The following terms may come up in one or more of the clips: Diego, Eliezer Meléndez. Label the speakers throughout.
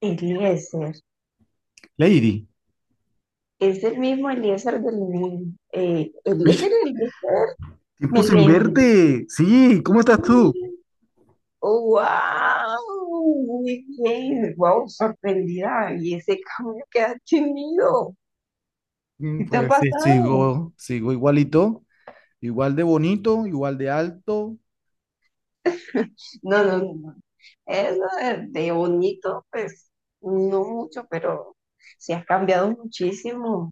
Speaker 1: Eliezer,
Speaker 2: Lady,
Speaker 1: es el mismo Eliezer del Eliezer Eliezer
Speaker 2: Tiempo sin
Speaker 1: Meléndez.
Speaker 2: verte. Sí, ¿cómo estás tú?
Speaker 1: Wow, muy bien, wow, sorprendida. Y ese cambio que has tenido, ¿qué te ha
Speaker 2: Pues sí,
Speaker 1: pasado?
Speaker 2: sigo, sigo igualito, igual de bonito, igual de alto.
Speaker 1: No, no, no, no. Eso de bonito, pues, no mucho, pero sí has cambiado muchísimo.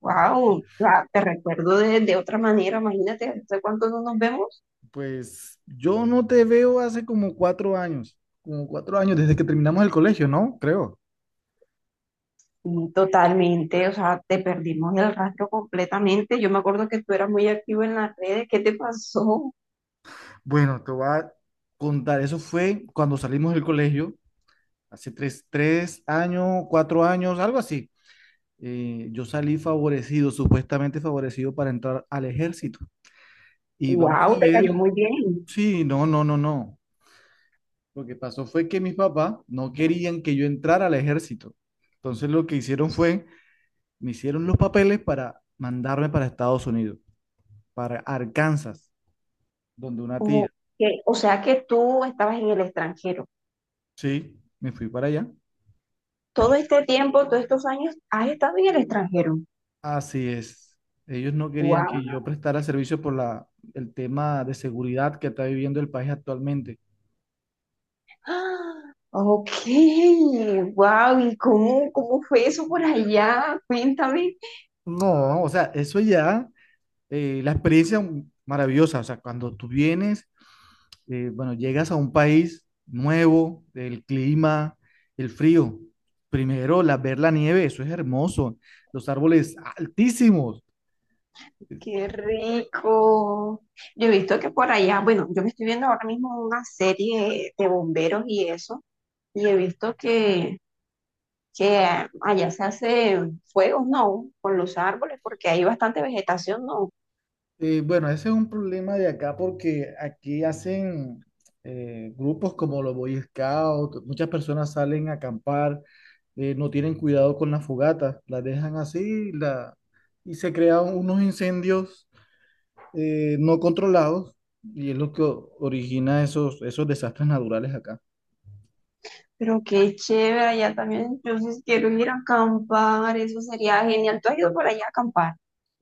Speaker 1: Wow, te recuerdo de otra manera, imagínate, ¿hace cuánto no nos vemos?
Speaker 2: Pues yo no te veo hace como 4 años, como 4 años desde que terminamos el colegio, ¿no? Creo.
Speaker 1: Sí, totalmente, o sea, te perdimos el rastro completamente. Yo me acuerdo que tú eras muy activo en las redes. ¿Qué te pasó?
Speaker 2: Bueno, te voy a contar, eso fue cuando salimos del colegio, hace tres años, 4 años, algo así. Yo salí favorecido, supuestamente favorecido para entrar al ejército. Y vamos
Speaker 1: ¡Wow!
Speaker 2: a
Speaker 1: Te
Speaker 2: ver.
Speaker 1: cayó muy bien.
Speaker 2: Sí, no, no, no, no. Lo que pasó fue que mis papás no querían que yo entrara al ejército. Entonces lo que hicieron fue, me hicieron los papeles para mandarme para Estados Unidos, para Arkansas, donde una
Speaker 1: O,
Speaker 2: tía.
Speaker 1: que, o sea que tú estabas en el extranjero.
Speaker 2: Sí, me fui para allá.
Speaker 1: Todo este tiempo, todos estos años, has estado en el extranjero.
Speaker 2: Así es. Ellos no querían
Speaker 1: ¡Wow!
Speaker 2: que yo prestara servicio por el tema de seguridad que está viviendo el país actualmente.
Speaker 1: Ok, wow, ¿y cómo, cómo fue eso por allá? Cuéntame,
Speaker 2: No, o sea, eso ya, la experiencia maravillosa, o sea, cuando tú vienes bueno, llegas a un país nuevo, el clima, el frío. Primero, ver la nieve, eso es hermoso. Los árboles altísimos.
Speaker 1: qué rico. Yo he visto que por allá, bueno, yo me estoy viendo ahora mismo una serie de bomberos y eso, y he visto que allá se hace fuegos, ¿no? Con los árboles, porque hay bastante vegetación, ¿no?
Speaker 2: Bueno, ese es un problema de acá porque aquí hacen grupos como los Boy Scouts, muchas personas salen a acampar, no tienen cuidado con las fogatas, las dejan así y se crean unos incendios no controlados, y es lo que origina esos desastres naturales acá.
Speaker 1: Pero qué chévere, allá también. Yo sí quiero ir a acampar, eso sería genial. ¿Tú has ido por allá a acampar?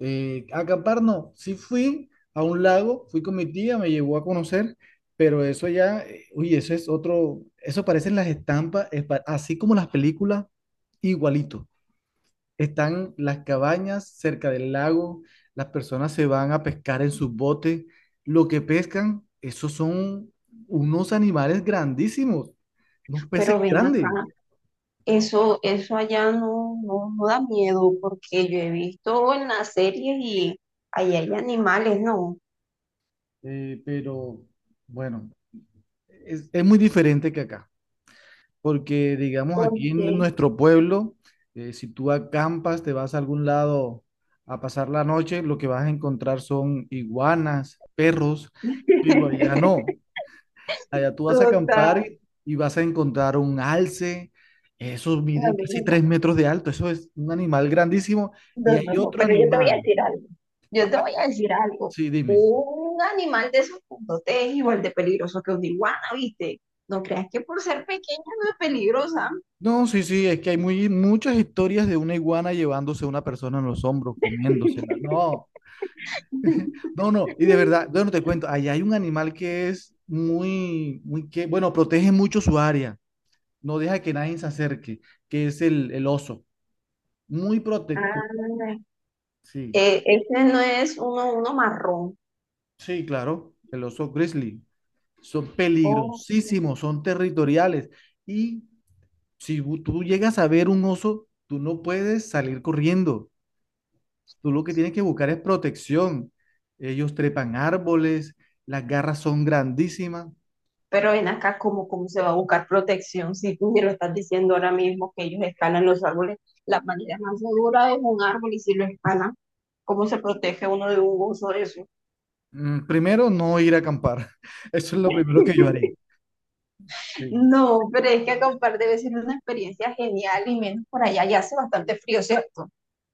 Speaker 2: Acampar no, sí fui a un lago, fui con mi tía, me llevó a conocer, pero eso ya, uy, eso es otro, eso parecen las estampas, es así como las películas, igualito. Están las cabañas cerca del lago, las personas se van a pescar en sus botes, lo que pescan, esos son unos animales grandísimos, unos peces
Speaker 1: Pero ven acá,
Speaker 2: grandes.
Speaker 1: eso allá no, no, no da miedo, porque yo he visto en las series y allá hay animales, ¿no?
Speaker 2: Pero bueno, es muy diferente que acá. Porque digamos aquí en
Speaker 1: Porque,
Speaker 2: nuestro pueblo, si tú acampas, te vas a algún lado a pasar la noche, lo que vas a encontrar son iguanas, perros, pero allá no. Allá tú vas a acampar
Speaker 1: total.
Speaker 2: y vas a encontrar un alce, esos miden casi
Speaker 1: Bueno,
Speaker 2: 3 metros de alto, eso es un animal grandísimo
Speaker 1: no,
Speaker 2: y
Speaker 1: no,
Speaker 2: hay
Speaker 1: no,
Speaker 2: otro
Speaker 1: pero yo te voy a
Speaker 2: animal.
Speaker 1: decir algo. Yo te voy
Speaker 2: Ah,
Speaker 1: a decir algo.
Speaker 2: sí, dime.
Speaker 1: Un animal de esos puntotes es igual de peligroso que un iguana, ¿viste? No creas que por ser pequeña no es peligrosa.
Speaker 2: No, sí, sí, es que hay muchas historias de una iguana llevándose a una persona en los hombros, comiéndosela. No. No, no, y de verdad, bueno, te cuento, allá hay un animal que es muy, muy bueno, protege mucho su área, no deja que nadie se acerque, que es el oso, muy protector,
Speaker 1: Ah,
Speaker 2: sí,
Speaker 1: este no es uno marrón.
Speaker 2: sí, claro, el oso grizzly, son
Speaker 1: Oh,
Speaker 2: peligrosísimos, son territoriales, y si tú llegas a ver un oso, tú no puedes salir corriendo, tú lo que tienes que buscar es protección, ellos trepan árboles, las garras son grandísimas.
Speaker 1: pero ven acá, ¿cómo, cómo se va a buscar protección si tú me lo estás diciendo ahora mismo que ellos escalan los árboles? La manera más segura es un árbol y si lo escalan, ¿cómo se protege uno de un oso de eso?
Speaker 2: Primero, no ir a acampar. Eso es lo primero que yo haría. Sí.
Speaker 1: No, pero es que acampar debe ser una experiencia genial y menos por allá ya hace bastante frío, ¿cierto?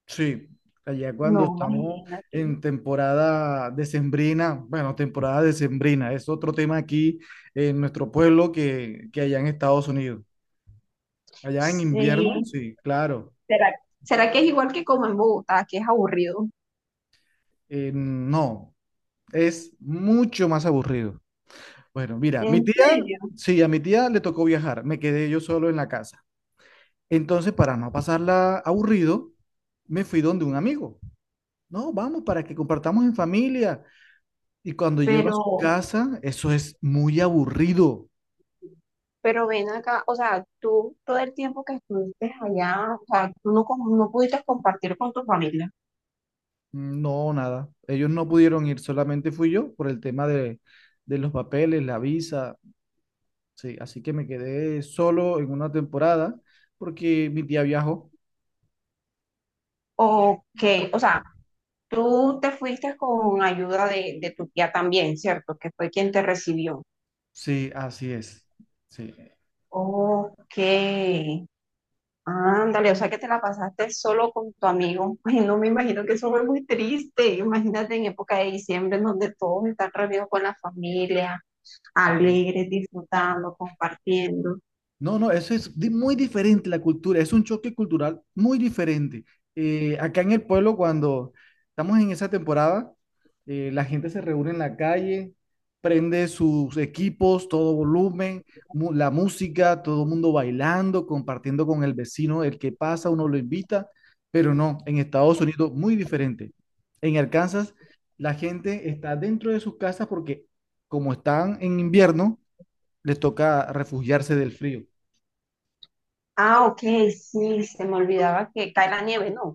Speaker 2: Sí. Allá
Speaker 1: No,
Speaker 2: cuando estamos
Speaker 1: imagínate.
Speaker 2: en temporada decembrina, bueno, temporada decembrina, es otro tema aquí en nuestro pueblo que allá en Estados Unidos. Allá en invierno,
Speaker 1: Sí,
Speaker 2: sí, claro.
Speaker 1: ¿será, será que es igual que como en Bogotá, que es aburrido?
Speaker 2: No, es mucho más aburrido. Bueno, mira, mi
Speaker 1: ¿En
Speaker 2: tía,
Speaker 1: serio?
Speaker 2: sí, a mi tía le tocó viajar, me quedé yo solo en la casa. Entonces, para no pasarla aburrido, me fui donde un amigo. No, vamos, para que compartamos en familia. Y cuando llego a su
Speaker 1: pero,
Speaker 2: casa, eso es muy aburrido.
Speaker 1: pero ven acá, o sea, tú todo el tiempo que estuviste allá, o sea, tú no, com- no pudiste compartir con tu familia.
Speaker 2: No, nada. Ellos no pudieron ir, solamente fui yo por el tema de los papeles, la visa. Sí, así que me quedé solo en una temporada porque mi tía viajó.
Speaker 1: O que, o sea, tú te fuiste con ayuda de tu tía también, ¿cierto? Que fue quien te recibió.
Speaker 2: Sí, así es. Sí.
Speaker 1: Ok. Ándale, o sea que te la pasaste solo con tu amigo. Ay, no me imagino que eso fue muy triste. Imagínate en época de diciembre en donde todos están reunidos con la familia, alegres, disfrutando, compartiendo.
Speaker 2: No, no, eso es muy diferente la cultura, es un choque cultural muy diferente. Acá en el pueblo, cuando estamos en esa temporada, la gente se reúne en la calle, prende sus equipos, todo volumen, la música, todo el mundo bailando, compartiendo con el vecino, el que pasa, uno lo invita, pero no, en Estados Unidos muy diferente. En Arkansas, la gente está dentro de sus casas porque como están en invierno, les toca refugiarse del frío.
Speaker 1: Ah, ok, sí, se me olvidaba que cae la nieve, no.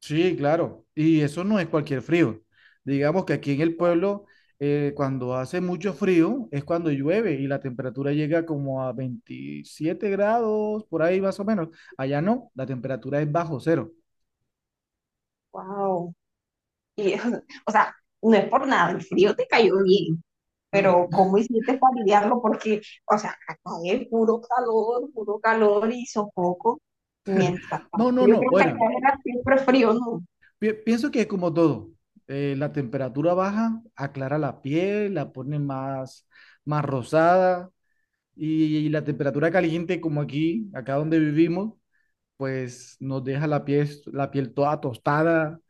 Speaker 2: Sí, claro. Y eso no es cualquier frío. Digamos que aquí en el pueblo, cuando hace mucho frío, es cuando llueve y la temperatura llega como a 27 grados, por ahí más o menos. Allá no, la temperatura es bajo cero.
Speaker 1: Wow. Y, o sea, no es por nada, el frío te cayó bien, pero
Speaker 2: Mm.
Speaker 1: ¿cómo hiciste para lidiarlo? Porque, o sea, acá es puro calor y sofoco, mientras
Speaker 2: No,
Speaker 1: tanto.
Speaker 2: no,
Speaker 1: Yo
Speaker 2: no.
Speaker 1: creo que
Speaker 2: Bueno,
Speaker 1: allá era siempre frío, ¿no?
Speaker 2: pienso que es como todo. La temperatura baja aclara la piel, la pone más rosada. Y la temperatura caliente como aquí, acá donde vivimos, pues nos deja la piel toda tostada.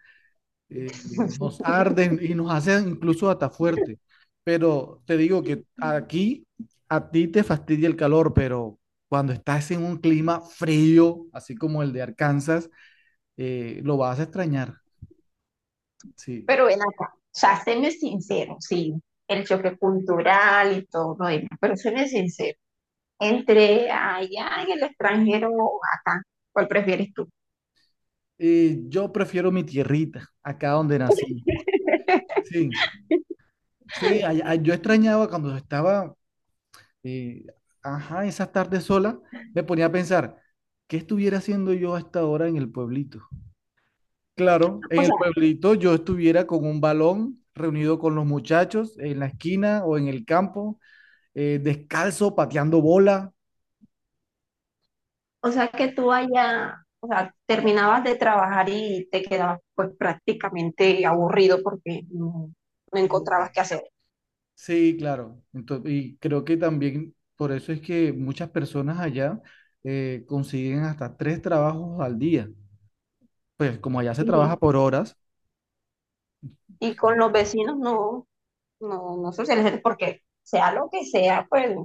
Speaker 2: eh, Nos arden y nos hacen incluso hasta fuerte. Pero te digo que aquí a ti te fastidia el calor, pero cuando estás en un clima frío, así como el de Arkansas, lo vas a extrañar, sí.
Speaker 1: Pero ven acá, o sea, séme sincero, sí, el choque cultural y todo lo demás, pero séme sincero, entre allá en el extranjero o acá, ¿cuál prefieres tú?
Speaker 2: Yo prefiero mi tierrita, acá donde nací. Sí, sí, yo extrañaba cuando estaba. Y, ajá, esas tardes solas me ponía a pensar, ¿qué estuviera haciendo yo a esta hora en el pueblito? Claro,
Speaker 1: O
Speaker 2: en el
Speaker 1: sea,
Speaker 2: pueblito yo estuviera con un balón reunido con los muchachos en la esquina o en el campo, descalzo, pateando bola.
Speaker 1: o
Speaker 2: Sí.
Speaker 1: sea que tú allá, o sea, terminabas de trabajar y te quedabas pues prácticamente aburrido porque no, no encontrabas qué hacer.
Speaker 2: Sí, claro. Entonces, y creo que también por eso es que muchas personas allá consiguen hasta tres trabajos al día. Pues como allá se
Speaker 1: Y,
Speaker 2: trabaja por horas.
Speaker 1: y con
Speaker 2: Sí.
Speaker 1: los vecinos no, no, no socializar, porque sea lo que sea, pues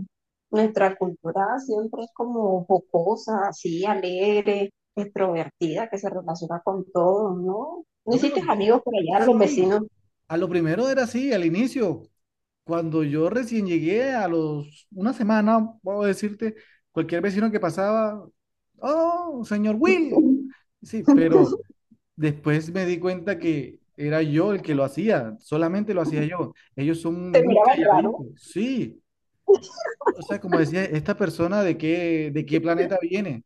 Speaker 1: nuestra cultura siempre es como jocosa, así, alegre, extrovertida, que se relaciona con todo, ¿no? No
Speaker 2: No,
Speaker 1: hiciste amigos por allá, los
Speaker 2: sí.
Speaker 1: vecinos
Speaker 2: A lo primero era así, al inicio. Cuando yo recién llegué a los una semana, puedo decirte, cualquier vecino que pasaba, oh, señor Will. Sí, pero después me di cuenta que era yo el que lo hacía, solamente lo hacía yo. Ellos son
Speaker 1: te
Speaker 2: muy
Speaker 1: miraban raro.
Speaker 2: calladitos, sí. O sea, como decía, esta persona de qué planeta viene.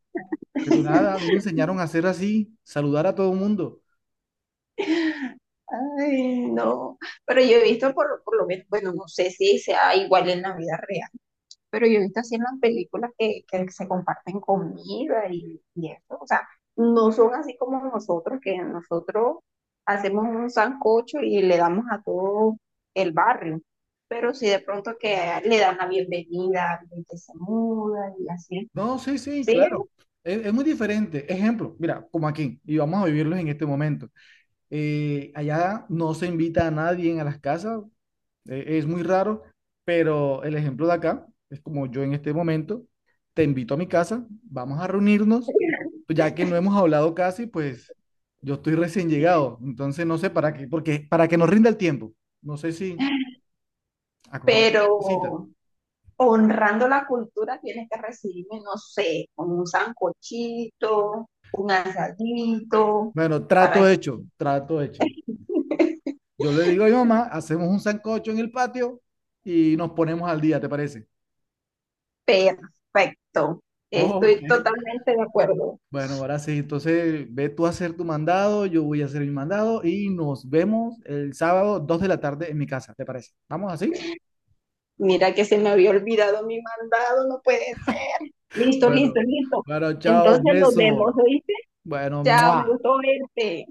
Speaker 2: Pero nada, a mí me enseñaron a hacer así, saludar a todo el mundo.
Speaker 1: Ay, no, pero yo he visto por lo menos, bueno, no sé si sea igual en la vida real, pero yo he visto así en las películas que se comparten comida y eso, o sea, no son así como nosotros, que nosotros hacemos un sancocho y le damos a todo el barrio, pero si de pronto que le dan la bienvenida a alguien que se muda y así,
Speaker 2: No, sí, sí,
Speaker 1: sí,
Speaker 2: claro. Es muy diferente. Ejemplo, mira, como aquí, y vamos a vivirlos en este momento. Allá no se invita a nadie a las casas, es muy raro, pero el ejemplo de acá es como yo en este momento, te invito a mi casa, vamos a reunirnos, pues ya que no hemos hablado casi, pues yo estoy recién llegado, entonces no sé para qué, porque para que nos rinda el tiempo. No sé si acordamos la cita.
Speaker 1: pero honrando la cultura tienes que recibirme, no sé, con un sancochito, un asadito,
Speaker 2: Bueno, trato
Speaker 1: para
Speaker 2: hecho, trato hecho. Yo le digo a mi mamá, hacemos un sancocho en el patio y nos ponemos al día, ¿te parece?
Speaker 1: perfecto,
Speaker 2: Ok.
Speaker 1: estoy totalmente de acuerdo.
Speaker 2: Bueno, ahora sí, entonces ve tú a hacer tu mandado, yo voy a hacer mi mandado y nos vemos el sábado 2 de la tarde en mi casa, ¿te parece? ¿Vamos así?
Speaker 1: Mira que se me había olvidado mi mandado, no puede ser. Listo, listo,
Speaker 2: Bueno,
Speaker 1: listo.
Speaker 2: bueno, chao,
Speaker 1: Entonces nos vemos,
Speaker 2: beso.
Speaker 1: ¿oíste?
Speaker 2: Bueno,
Speaker 1: Chao, me
Speaker 2: ¡mua!
Speaker 1: gustó verte.